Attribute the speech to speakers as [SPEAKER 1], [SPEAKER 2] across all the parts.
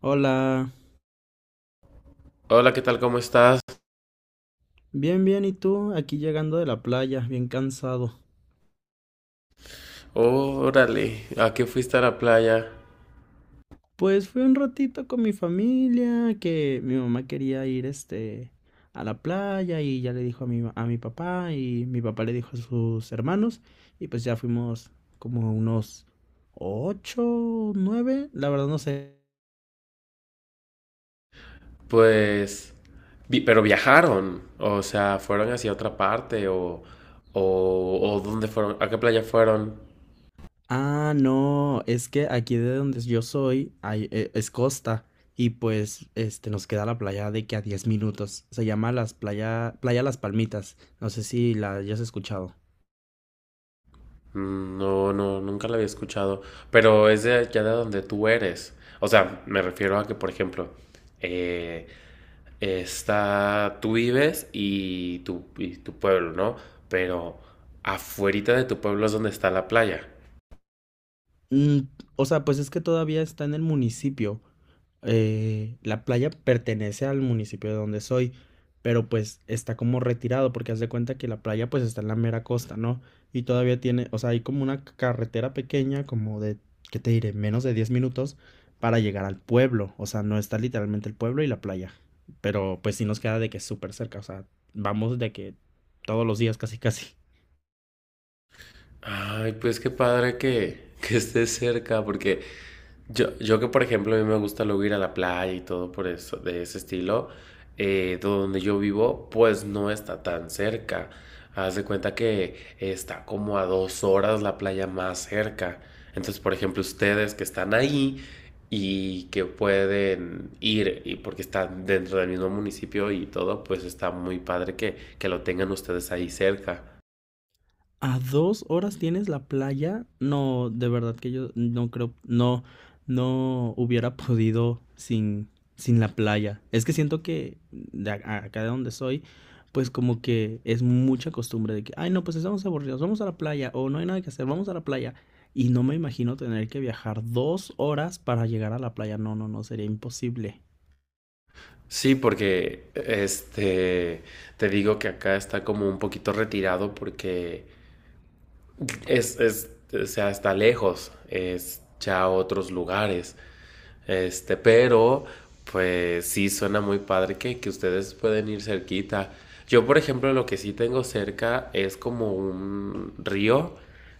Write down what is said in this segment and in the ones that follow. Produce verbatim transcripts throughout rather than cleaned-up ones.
[SPEAKER 1] Hola,
[SPEAKER 2] Hola, ¿qué tal? ¿Cómo estás?
[SPEAKER 1] bien, bien, ¿y tú? Aquí llegando de la playa, bien cansado.
[SPEAKER 2] Órale, ¿a qué fuiste a la playa?
[SPEAKER 1] Pues fui un ratito con mi familia, que mi mamá quería ir, este, a la playa y ya le dijo a mi, ma- a mi papá y mi papá le dijo a sus hermanos y pues ya fuimos como unos ocho, nueve, la verdad no.
[SPEAKER 2] Pues, vi- pero viajaron, o sea, fueron hacia otra parte o, o, o ¿dónde fueron? ¿A qué playa fueron?
[SPEAKER 1] Ah, no, es que aquí de donde yo soy hay- e- es costa y pues este nos queda la playa de que a diez minutos. Se llama las playa Playa Las Palmitas. No sé si la hayas escuchado.
[SPEAKER 2] Mm, no, no, nunca la había escuchado, pero es de allá de donde tú eres. O sea, me refiero a que, por ejemplo, eh, está, tú vives y tu, y tu pueblo, ¿no? Pero afuerita de tu pueblo es donde está la playa.
[SPEAKER 1] Mm, o sea, pues es que todavía está en el municipio, eh, la playa pertenece al municipio de donde soy, pero pues está como retirado porque haz de cuenta que la playa pues está en la mera costa, ¿no? Y todavía tiene, o sea, hay como una carretera pequeña, como de, ¿qué te diré? Menos de diez minutos para llegar al pueblo, o sea, no está literalmente el pueblo y la playa, pero pues sí nos queda de que es súper cerca, o sea, vamos de que todos los días casi casi.
[SPEAKER 2] Ay, pues qué padre que, que estés cerca, porque yo, yo que por ejemplo a mí me gusta luego ir a la playa y todo por eso, de ese estilo, eh, donde yo vivo, pues no está tan cerca. Haz de cuenta que está como a dos horas la playa más cerca. Entonces, por ejemplo, ustedes que están ahí y que pueden ir, y porque están dentro del mismo municipio y todo, pues está muy padre que, que lo tengan ustedes ahí cerca.
[SPEAKER 1] ¿A dos horas tienes la playa? No, de verdad que yo no creo, no, no hubiera podido sin, sin la playa. Es que siento que de a- acá de donde soy, pues como que es mucha costumbre de que, ay, no, pues estamos aburridos, vamos a la playa, o no hay nada que hacer, vamos a la playa. Y no me imagino tener que viajar dos horas para llegar a la playa. No, no, no, sería imposible.
[SPEAKER 2] Sí, porque este te digo que acá está como un poquito retirado porque es, es o sea, está lejos, es ya otros lugares. Este, pero pues sí suena muy padre que, que ustedes pueden ir cerquita. Yo, por ejemplo, lo que sí tengo cerca es como un río,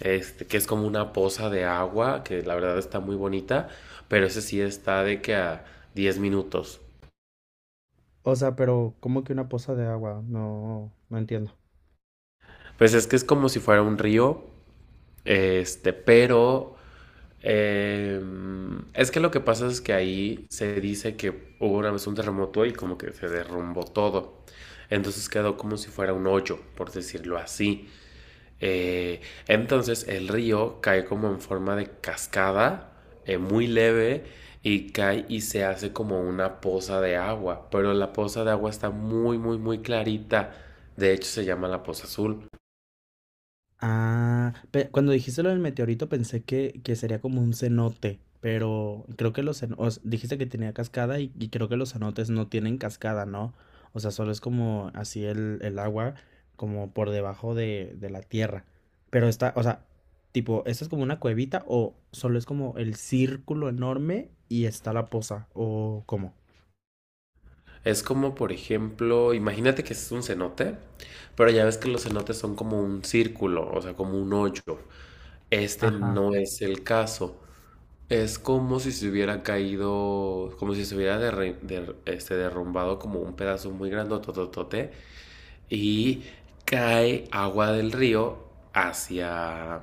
[SPEAKER 2] este, que es como una poza de agua, que la verdad está muy bonita, pero ese sí está de que a diez minutos.
[SPEAKER 1] O sea, pero ¿cómo que una poza de agua? No, no entiendo.
[SPEAKER 2] Pues es que es como si fuera un río. Este, pero eh, es que lo que pasa es que ahí se dice que hubo una vez un terremoto y como que se derrumbó todo. Entonces quedó como si fuera un hoyo, por decirlo así. Eh, entonces el río cae como en forma de cascada, eh, muy leve, y cae y se hace como una poza de agua. Pero la poza de agua está muy, muy, muy clarita. De hecho se llama la Poza Azul.
[SPEAKER 1] Ah, pe- cuando dijiste lo del meteorito pensé que, que sería como un cenote, pero creo que los cenotes, dijiste que tenía cascada y, y creo que los cenotes no tienen cascada, ¿no? O sea, solo es como así el, el agua, como por debajo de, de la tierra. Pero está, o sea, tipo, ¿esta es como una cuevita o solo es como el círculo enorme y está la poza? ¿O cómo?
[SPEAKER 2] Es como, por ejemplo, imagínate que es un cenote, pero ya ves que los cenotes son como un círculo, o sea, como un hoyo. Este
[SPEAKER 1] Ajá.
[SPEAKER 2] no es el caso. Es como si se hubiera caído, como si se hubiera derri- der- este, derrumbado como un pedazo muy grandototote y cae agua del río hacia,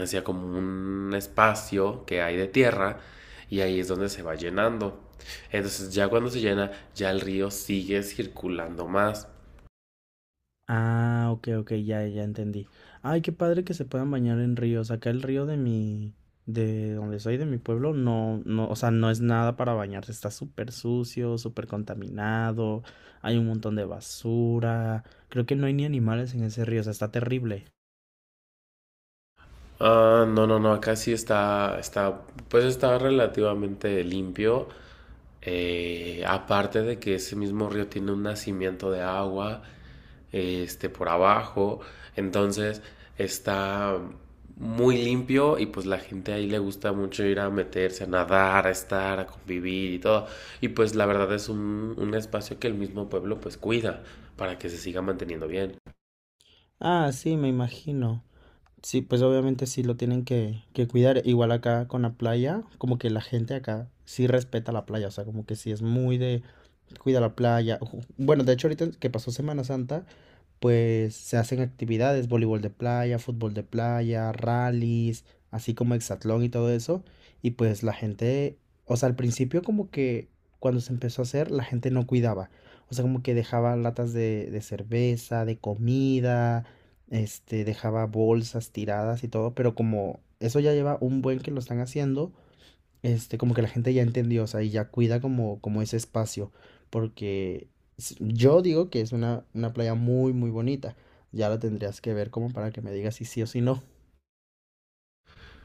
[SPEAKER 2] hacia como un espacio que hay de tierra y ahí es donde se va llenando. Entonces ya cuando se llena, ya el río sigue circulando más.
[SPEAKER 1] Ah, ok, ok, ya, ya entendí. Ay, qué padre que se puedan bañar en ríos. Acá el río de mi, de donde soy, de mi pueblo, no, no, o sea, no es nada para bañarse. Está súper sucio, súper contaminado. Hay un montón de basura. Creo que no hay ni animales en ese río, o sea, está terrible.
[SPEAKER 2] Ah, no, no, no, acá sí está, está, pues está relativamente limpio. Eh, aparte de que ese mismo río tiene un nacimiento de agua este, por abajo. Entonces está muy limpio y pues la gente ahí le gusta mucho ir a meterse, a nadar, a estar, a convivir y todo. Y pues la verdad es un, un espacio que el mismo pueblo pues cuida para que se siga manteniendo bien.
[SPEAKER 1] Ah, sí, me imagino. Sí, pues obviamente sí lo tienen que, que cuidar. Igual acá con la playa, como que la gente acá sí respeta la playa, o sea, como que sí es muy de cuida la playa. Ujú. Bueno, de hecho ahorita que pasó Semana Santa, pues se hacen actividades, voleibol de playa, fútbol de playa, rallies, así como hexatlón y todo eso. Y pues la gente, o sea, al principio como que cuando se empezó a hacer, la gente no cuidaba. O sea, como que dejaba latas de, de cerveza, de comida, este, dejaba bolsas tiradas y todo, pero como eso ya lleva un buen que lo están haciendo, este, como que la gente ya entendió, o sea, y ya cuida como, como, ese espacio, porque s- yo digo que es una, una playa muy, muy bonita. Ya la tendrías que ver como para que me digas si sí o si no.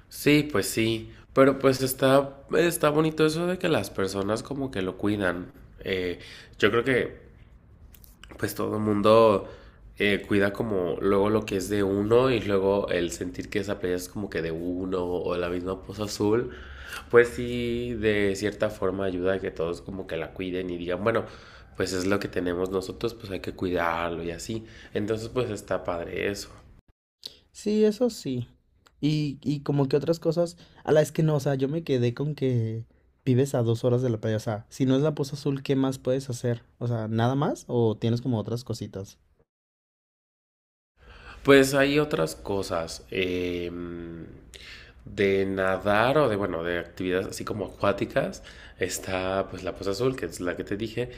[SPEAKER 2] Sí, pues sí, pero pues está, está bonito eso de que las personas como que lo cuidan. Eh, yo creo que pues todo el mundo eh, cuida como luego lo que es de uno y luego el sentir que esa playa es como que de uno o la misma Poza Azul, pues sí, de cierta forma ayuda a que todos como que la cuiden y digan, bueno, pues es lo que tenemos nosotros, pues hay que cuidarlo y así. Entonces, pues está padre eso.
[SPEAKER 1] Sí, eso sí. Y, y como que otras cosas, a la es que no, o sea, yo me quedé con que vives a dos horas de la playa, o sea, si no es la Poza Azul, ¿qué más puedes hacer? O sea, ¿nada más o tienes como otras cositas?
[SPEAKER 2] Pues hay otras cosas. Em, de nadar o de, bueno, de actividades así como acuáticas, está pues la Poza Azul, que es la que te dije.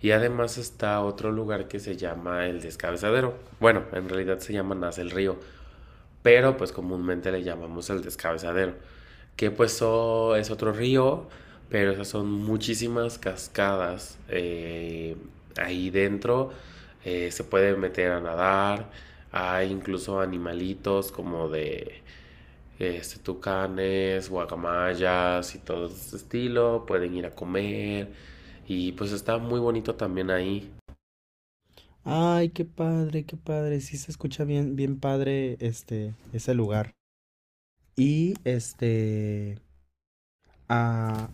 [SPEAKER 2] Y además está otro lugar que se llama el Descabezadero. Bueno, en realidad se llama Nace el Río, pero pues comúnmente le llamamos el Descabezadero, que pues oh, es otro río, pero esas son muchísimas cascadas, eh, ahí dentro, eh, se puede meter a nadar, hay incluso animalitos como de este, tucanes, guacamayas y todo ese estilo, pueden ir a comer y pues está muy bonito también ahí.
[SPEAKER 1] Ay, qué padre, qué padre. Sí se escucha bien, bien padre este, ese lugar. Y este, ah,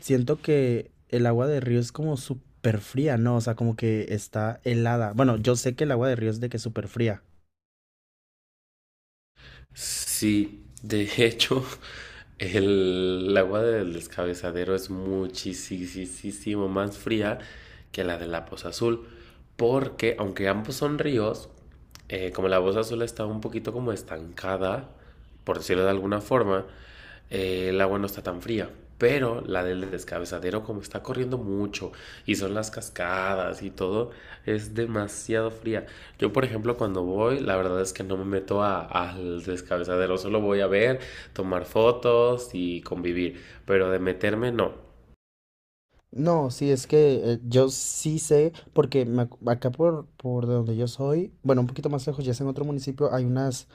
[SPEAKER 1] siento que el agua de río es como súper fría, ¿no? O sea, como que está helada. Bueno, yo sé que el agua de río es de que súper fría.
[SPEAKER 2] Sí, de hecho, el el agua del Descabezadero es muchísimo más fría que la de la Poza Azul, porque aunque ambos son ríos, eh, como la Poza Azul está un poquito como estancada, por decirlo de alguna forma, eh, el agua no está tan fría. Pero la del Descabezadero, como está corriendo mucho y son las cascadas y todo, es demasiado fría. Yo, por ejemplo, cuando voy, la verdad es que no me meto a- al Descabezadero, solo voy a ver, tomar fotos y convivir. Pero de meterme, no.
[SPEAKER 1] No, sí, es que eh, yo sí sé, porque me ac- acá por, por de donde yo soy, bueno, un poquito más lejos, ya es en otro municipio, hay unas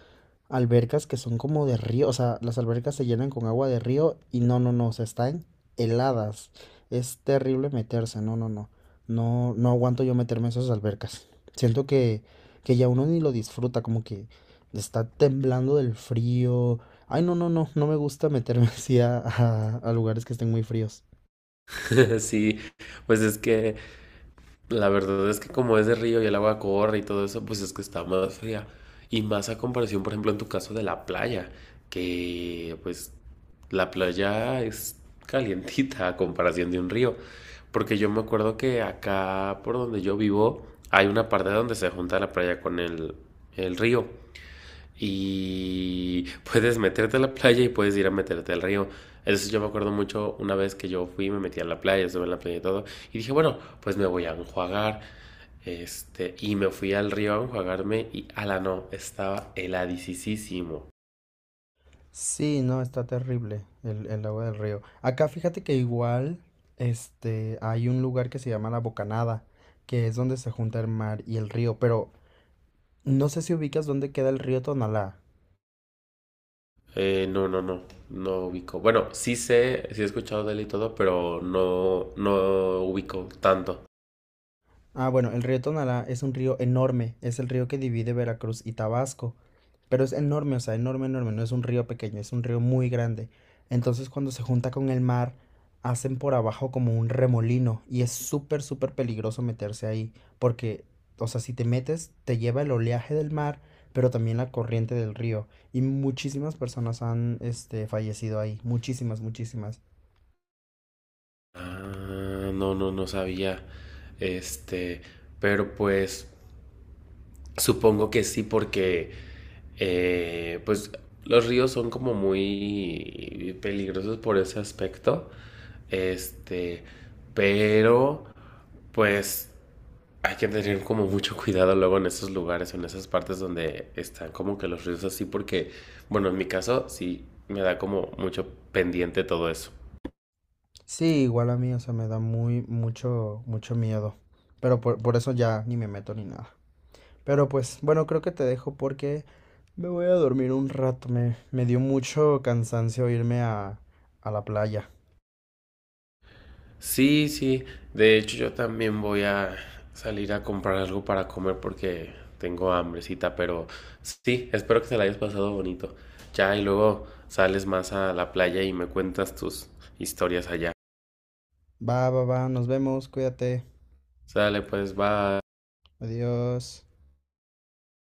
[SPEAKER 1] albercas que son como de río, o sea, las albercas se llenan con agua de río y no, no, no, o sea, están heladas. Es terrible meterse, no, no, no. No, no aguanto yo meterme en esas albercas. Siento que, que ya uno ni lo disfruta, como que está temblando del frío. Ay, no, no, no, no me gusta meterme así a, a- a lugares que estén muy fríos.
[SPEAKER 2] Sí, pues es que la verdad es que como es de río y el agua corre y todo eso, pues es que está más fría. Y más a comparación, por ejemplo, en tu caso de la playa, que pues la playa es calientita a comparación de un río. Porque yo me acuerdo que acá por donde yo vivo hay una parte donde se junta la playa con el, el río. Y puedes meterte a la playa y puedes ir a meterte al río. Eso sí, yo me acuerdo mucho una vez que yo fui, me metí a la playa, estuve en la playa y todo. Y dije, bueno, pues me voy a enjuagar. Este, y me fui al río a enjuagarme y ala no, estaba heladicísimo.
[SPEAKER 1] Sí, no, está terrible el, el agua del río. Acá fíjate que igual, este, hay un lugar que se llama La Bocanada, que es donde se junta el mar y el río, pero no sé si ubicas dónde queda el río Tonalá.
[SPEAKER 2] Eh, no, no, no, no ubico. Bueno, sí sé, sí he escuchado de él y todo, pero no, no ubico tanto.
[SPEAKER 1] Ah, bueno, el río Tonalá es un río enorme, es el río que divide Veracruz y Tabasco. Pero es enorme, o sea, enorme, enorme. No es un río pequeño, es un río muy grande. Entonces cuando se junta con el mar, hacen por abajo como un remolino y es súper, súper peligroso meterse ahí. Porque, o sea, si te metes, te lleva el oleaje del mar, pero también la corriente del río. Y muchísimas personas han, este, fallecido ahí. Muchísimas, muchísimas.
[SPEAKER 2] Ah, no, no, no sabía. Este, pero pues supongo que sí, porque eh, pues los ríos son como muy peligrosos por ese aspecto. Este, pero pues hay que tener como mucho cuidado luego en esos lugares, en esas partes donde están como que los ríos así, porque, bueno, en mi caso sí me da como mucho pendiente todo eso.
[SPEAKER 1] Sí, igual a mí, o sea, me da muy, mucho, mucho miedo. Pero por, por eso ya ni me meto ni nada. Pero pues, bueno, creo que te dejo porque me voy a dormir un rato, me, me dio mucho cansancio irme a, a la playa.
[SPEAKER 2] Sí, sí. De hecho, yo también voy a salir a comprar algo para comer porque tengo hambrecita, pero sí, espero que te la hayas pasado bonito. Ya, y luego sales más a la playa y me cuentas tus historias allá.
[SPEAKER 1] Va, va, va, nos vemos, cuídate.
[SPEAKER 2] Sale, pues, bye.
[SPEAKER 1] Adiós.